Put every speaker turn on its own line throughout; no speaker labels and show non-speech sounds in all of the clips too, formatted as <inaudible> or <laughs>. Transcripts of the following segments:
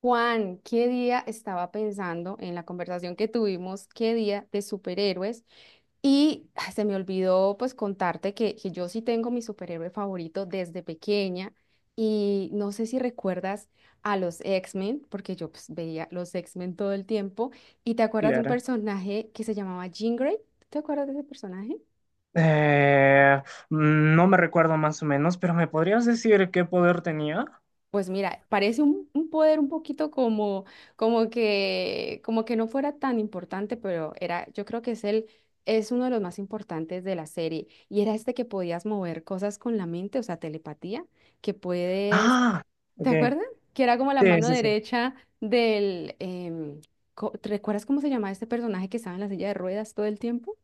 Juan, ¿qué día estaba pensando en la conversación que tuvimos, qué día de superhéroes? Se me olvidó pues contarte que yo sí tengo mi superhéroe favorito desde pequeña y no sé si recuerdas a los X-Men, porque yo pues, veía los X-Men todo el tiempo y te acuerdas de un
Clara,
personaje que se llamaba Jean Grey. ¿Te acuerdas de ese personaje?
Eh, no me recuerdo más o menos, pero ¿me podrías decir qué poder tenía?
Pues mira, parece un poder un poquito como, como que no fuera tan importante, pero era, yo creo que es uno de los más importantes de la serie. Y era este que podías mover cosas con la mente, o sea, telepatía, que puedes,
Ah,
¿te
ok.
acuerdas? Que era como la
Sí,
mano
sí, sí.
derecha del. ¿Te recuerdas cómo se llamaba este personaje que estaba en la silla de ruedas todo el tiempo?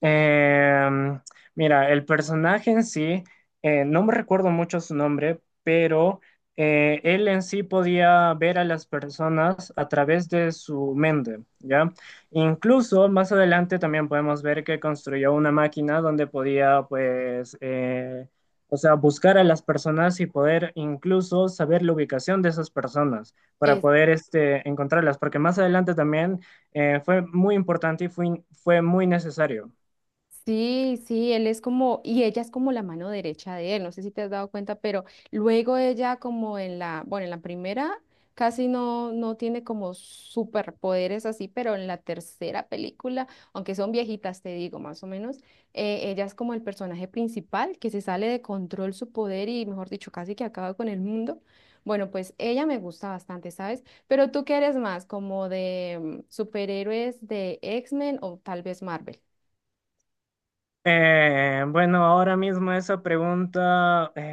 Em, Mira, el personaje en sí, no me recuerdo mucho su nombre, pero él en sí podía ver a las personas a través de su mente, ¿ya? Incluso más adelante también podemos ver que construyó una máquina donde podía, pues, o sea, buscar a las personas y poder incluso saber la ubicación de esas personas para poder, este, encontrarlas, porque más adelante también fue muy importante y fue muy necesario.
Sí, sí, él es como, y ella es como la mano derecha de él, no sé si te has dado cuenta, pero luego ella como en la, bueno, en la primera casi no tiene como superpoderes así, pero en la tercera película, aunque son viejitas, te digo, más o menos, ella es como el personaje principal que se sale de control su poder y, mejor dicho, casi que acaba con el mundo. Bueno, pues ella me gusta bastante, ¿sabes? Pero tú qué eres más, como de superhéroes de X-Men o tal vez Marvel.
Bueno, ahora mismo esa pregunta,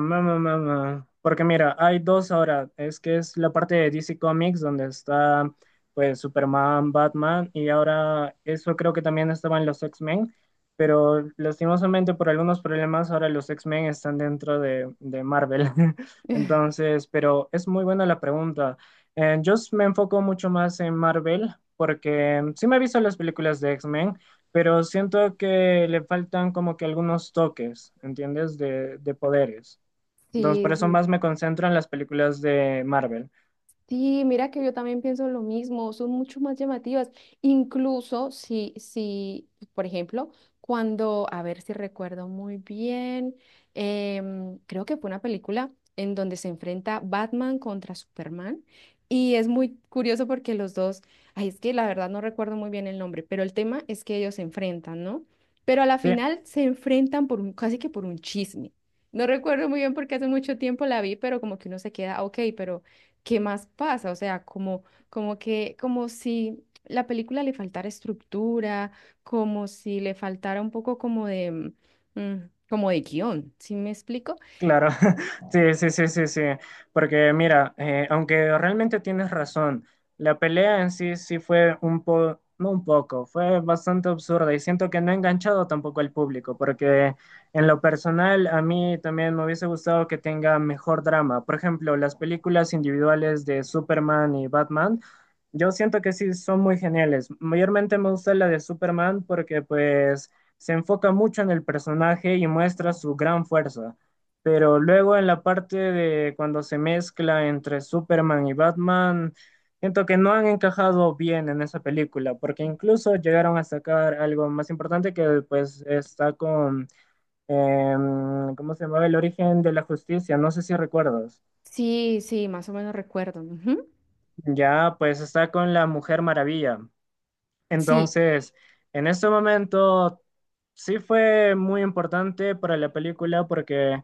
ma, ma, ma, ma. Porque mira, hay dos ahora, es que es la parte de DC Comics donde está pues Superman, Batman y ahora eso creo que también estaban los X-Men, pero lastimosamente por algunos problemas ahora los X-Men están dentro de, Marvel. <laughs>
<laughs>
Entonces, pero es muy buena la pregunta. Me enfoco mucho más en Marvel porque sí me he visto las películas de X-Men, pero siento que le faltan como que algunos toques, ¿entiendes? De poderes. Entonces,
Sí,
por eso
sí,
más me concentro en las películas de Marvel.
sí, mira que yo también pienso lo mismo, son mucho más llamativas, incluso si, si, por ejemplo, cuando, a ver si recuerdo muy bien, creo que fue una película en donde se enfrenta Batman contra Superman y es muy curioso porque los dos, ay, es que la verdad no recuerdo muy bien el nombre, pero el tema es que ellos se enfrentan, ¿no? Pero a la
Sí,
final se enfrentan por un, casi que por un chisme. No recuerdo muy bien porque hace mucho tiempo la vi, pero como que uno se queda, ok, pero ¿qué más pasa? O sea, como, como que, como si la película le faltara estructura, como si le faltara un poco como de, mm, Como de guión, ¿sí me explico?
claro, <laughs> sí, sí, sí, sí, sí, porque mira, aunque realmente tienes razón, la pelea en sí sí fue no un poco, fue bastante absurda y siento que no ha enganchado tampoco al público, porque en lo personal a mí también me hubiese gustado que tenga mejor drama. Por ejemplo, las películas individuales de Superman y Batman, yo siento que sí son muy geniales. Mayormente me gusta la de Superman porque pues se enfoca mucho en el personaje y muestra su gran fuerza. Pero luego en la parte de cuando se mezcla entre Superman y Batman, siento que no han encajado bien en esa película, porque incluso llegaron a sacar algo más importante que pues está con, ¿cómo se llamaba? El origen de la justicia, no sé si recuerdas.
Sí, sí, más o menos recuerdo. Ujú.
Ya pues está con la Mujer Maravilla.
Sí.
Entonces, en este momento sí fue muy importante para la película porque...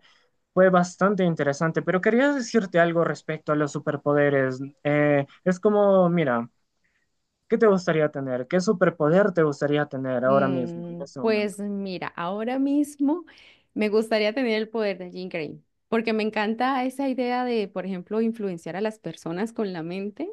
Fue bastante interesante, pero quería decirte algo respecto a los superpoderes. Es como, mira, ¿qué te gustaría tener? ¿Qué superpoder te gustaría tener ahora mismo, en este momento?
Pues mira, ahora mismo me gustaría tener el poder de Jean Grey, porque me encanta esa idea de, por ejemplo, influenciar a las personas con la mente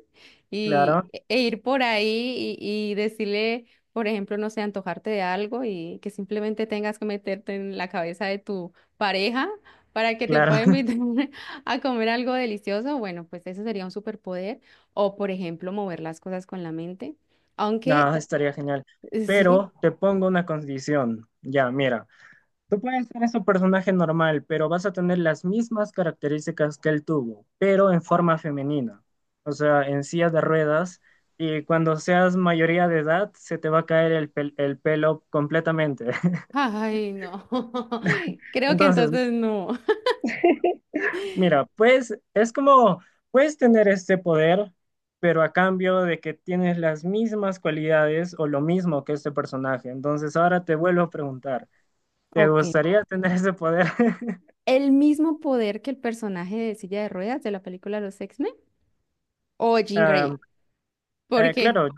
y,
Claro,
ir por ahí y decirle, por ejemplo, no sé, antojarte de algo y que simplemente tengas que meterte en la cabeza de tu pareja para que te pueda
claro. <laughs>
invitar <laughs> a comer algo delicioso. Bueno, pues ese sería un superpoder. O, por ejemplo, mover las cosas con la mente. Aunque,
No,
ta-
estaría genial.
<laughs> sí.
Pero te pongo una condición. Ya, mira, tú puedes ser ese personaje normal, pero vas a tener las mismas características que él tuvo, pero en forma femenina, o sea, en silla de ruedas, y cuando seas mayoría de edad, se te va a caer el pelo completamente. <laughs>
Ay, no. <laughs> Creo que
Entonces,
entonces no.
mira, pues es como, puedes tener este poder, pero a cambio de que tienes las mismas cualidades o lo mismo que este personaje. Entonces, ahora te vuelvo a preguntar, ¿te
Ok.
gustaría tener ese poder? <laughs>
¿El mismo poder que el personaje de silla de ruedas de la película Los X-Men? ¿O Jean
Ah,
Grey? ¿Por qué?
claro,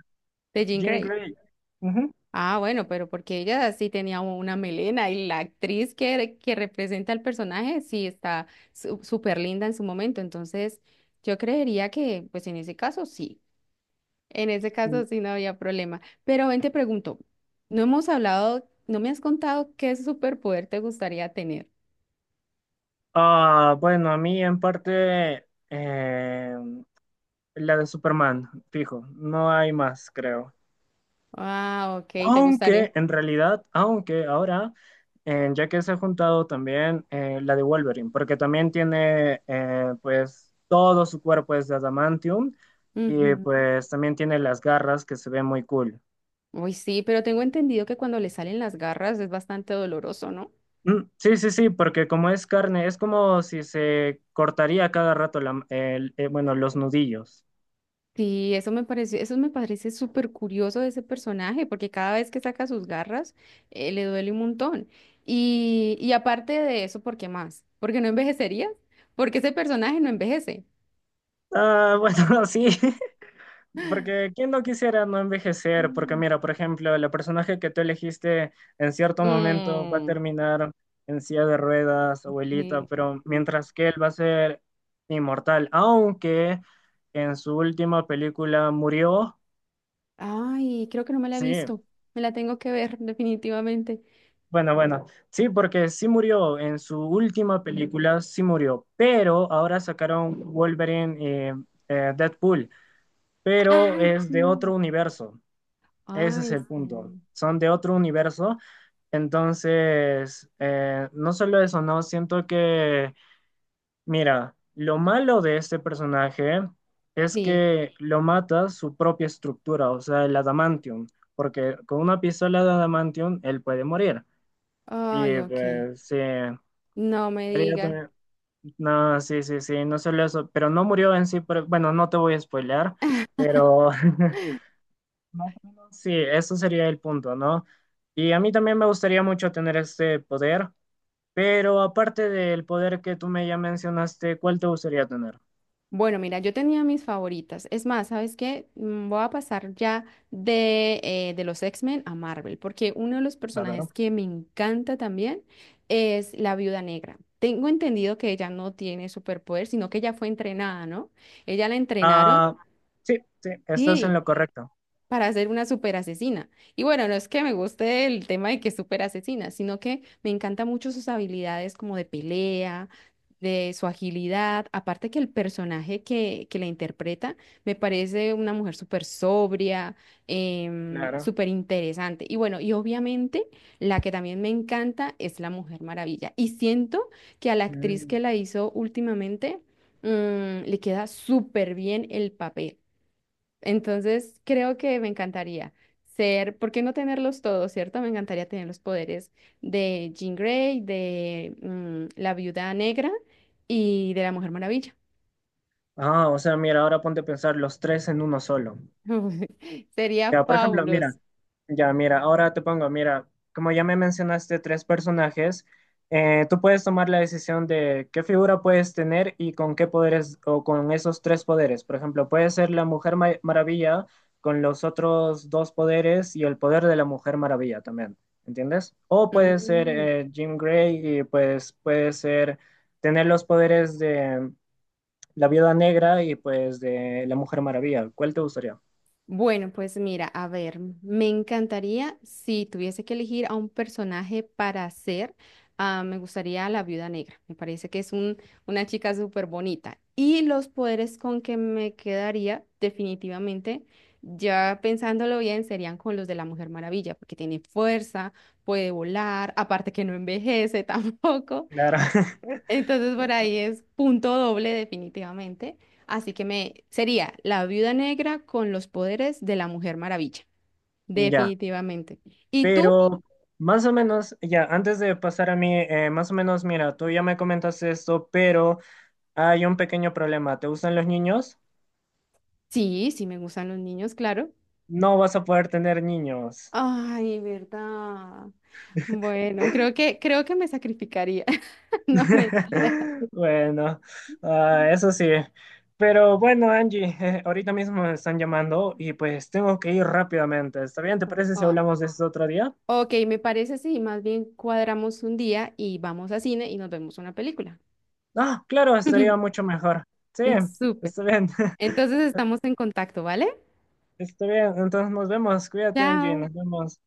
De Jean
Jim
Grey.
Gray. Ujú.
Ah, bueno, pero porque ella sí tenía una melena y la actriz que representa al personaje sí está súper linda en su momento. Entonces, yo creería que, pues en ese caso sí. En ese caso sí no había problema. Pero ven, te pregunto, no hemos hablado, no me has contado qué superpoder te gustaría tener.
Ah, bueno, a mí en parte la de Superman, fijo, no hay más, creo.
Ah, ok, te gustaría.
Aunque en realidad, ya que se ha juntado también la de Wolverine, porque también tiene pues todo su cuerpo es de adamantium y
Ujú.
pues también tiene las garras que se ven muy cool.
Uy, sí, pero tengo entendido que cuando le salen las garras es bastante doloroso, ¿no?
Sí, sí, sí, porque como es carne, es como si se cortaría cada rato bueno, los nudillos.
Sí, eso me pareció, eso me parece súper curioso de ese personaje, porque cada vez que saca sus garras, le duele un montón. Y aparte de eso, ¿por qué más? ¿Porque no envejecería? Porque ese personaje no envejece.
Ah, bueno, <laughs> sí, porque quién no quisiera no envejecer, porque
Mm.
mira, por ejemplo, el personaje que tú elegiste en cierto momento va a
Mm,
terminar en silla de ruedas, abuelita,
eh,
pero mientras que él va a ser inmortal, aunque en su última película murió,
Ay, creo que no me la he
sí,
visto. Me la tengo que ver, <laughs> definitivamente.
bueno, bueno, sí, porque sí murió en su última película, sí murió, pero ahora sacaron Wolverine, eh, Deadpool, pero
Ay,
es de
sí.
otro universo, ese es
Ay,
el punto,
sí.
son de otro universo. Entonces, no solo eso, no, mira, lo malo de este personaje es
Sí.
que lo mata su propia estructura, o sea, el adamantium, porque con una pistola de adamantium él puede morir.
Ay,
Y
ok.
pues sí,
No me
haría
digas.
también- No, sí, sí, sí, no solo eso, pero no murió en sí, pero, bueno, no te voy a spoilear,
<laughs>
pero <laughs> más o menos sí, eso sería el punto, ¿no? Y a mí también me gustaría mucho tener este poder, pero aparte del poder que tú me ya mencionaste, ¿cuál te gustaría tener?
Bueno, mira, yo tenía mis favoritas. Es más, ¿sabes qué? Voy a pasar ya de los X-Men a Marvel, porque uno de los
A ver.
personajes que me encanta también es la Viuda Negra. Tengo entendido que ella no tiene superpoder, sino que ella fue entrenada, ¿no? Ella la entrenaron.
Ah, sí, sí, estás en
Sí.
lo correcto.
Para ser una super asesina. Y bueno, no es que me guste el tema de que es super asesina, sino que me encanta mucho sus habilidades como de pelea, de su agilidad. Aparte que el personaje que la interpreta me parece una mujer súper sobria,
Claro.
súper interesante. Y bueno, y obviamente la que también me encanta es la Mujer Maravilla. Y siento que a la actriz que
Mm.
la hizo últimamente, le queda súper bien el papel. Entonces, creo que me encantaría ser, ¿por qué no tenerlos todos, cierto? Me encantaría tener los poderes de Jean Grey, de la Viuda Negra y de la Mujer Maravilla.
Ah, o sea, mira, ahora ponte a pensar los tres en uno solo.
<laughs> Sería
Ya, por ejemplo,
fabuloso.
mira, ya, mira, ahora te pongo, mira, como ya me mencionaste tres personajes, tú puedes tomar la decisión de qué figura puedes tener y con qué poderes o con esos tres poderes. Por ejemplo, puede ser la Maravilla con los otros dos poderes y el poder de la Mujer Maravilla también, ¿entiendes? O puede ser
Mm.
Jean Grey y pues puede ser tener los poderes de la Viuda Negra y pues de la Mujer Maravilla. ¿Cuál te gustaría?
Bueno, pues mira, a ver, me encantaría si tuviese que elegir a un personaje para hacer, ah, me gustaría la Viuda Negra. Me parece que es un, una chica súper bonita. Y los poderes con que me quedaría, definitivamente, ya pensándolo bien, serían con los de la Mujer Maravilla, porque tiene fuerza, puede volar, aparte que no envejece <laughs> tampoco.
Claro. <laughs>
Entonces por ahí es punto doble definitivamente. Así que me sería la Viuda Negra con los poderes de la Mujer Maravilla,
Ya.
definitivamente. ¿Y tú?
Pero más o menos, ya, antes de pasar a mí, más o menos, mira, tú ya me comentaste esto, pero hay un pequeño problema. ¿Te gustan los niños?
Sí, sí me gustan los niños, claro.
No vas a poder tener niños.
Ay, verdad. Bueno, creo que me sacrificaría. <laughs> No, mentira.
<laughs> Bueno, ah, eso sí. Pero bueno, Angie, <laughs> ahorita mismo me están llamando y pues tengo que ir rápidamente. ¿Está bien? ¿Te
No.
parece si
Ah,
hablamos de esto otro día?
ok, me parece sí, más bien cuadramos un día y vamos a cine y nos vemos una película.
Ah, claro, estaría
<laughs>
mucho mejor. Sí,
Súper.
está bien. <laughs>
Entonces estamos en contacto, ¿vale?
Está bien. Entonces nos vemos. Cuídate, Angie.
Chao.
Nos vemos.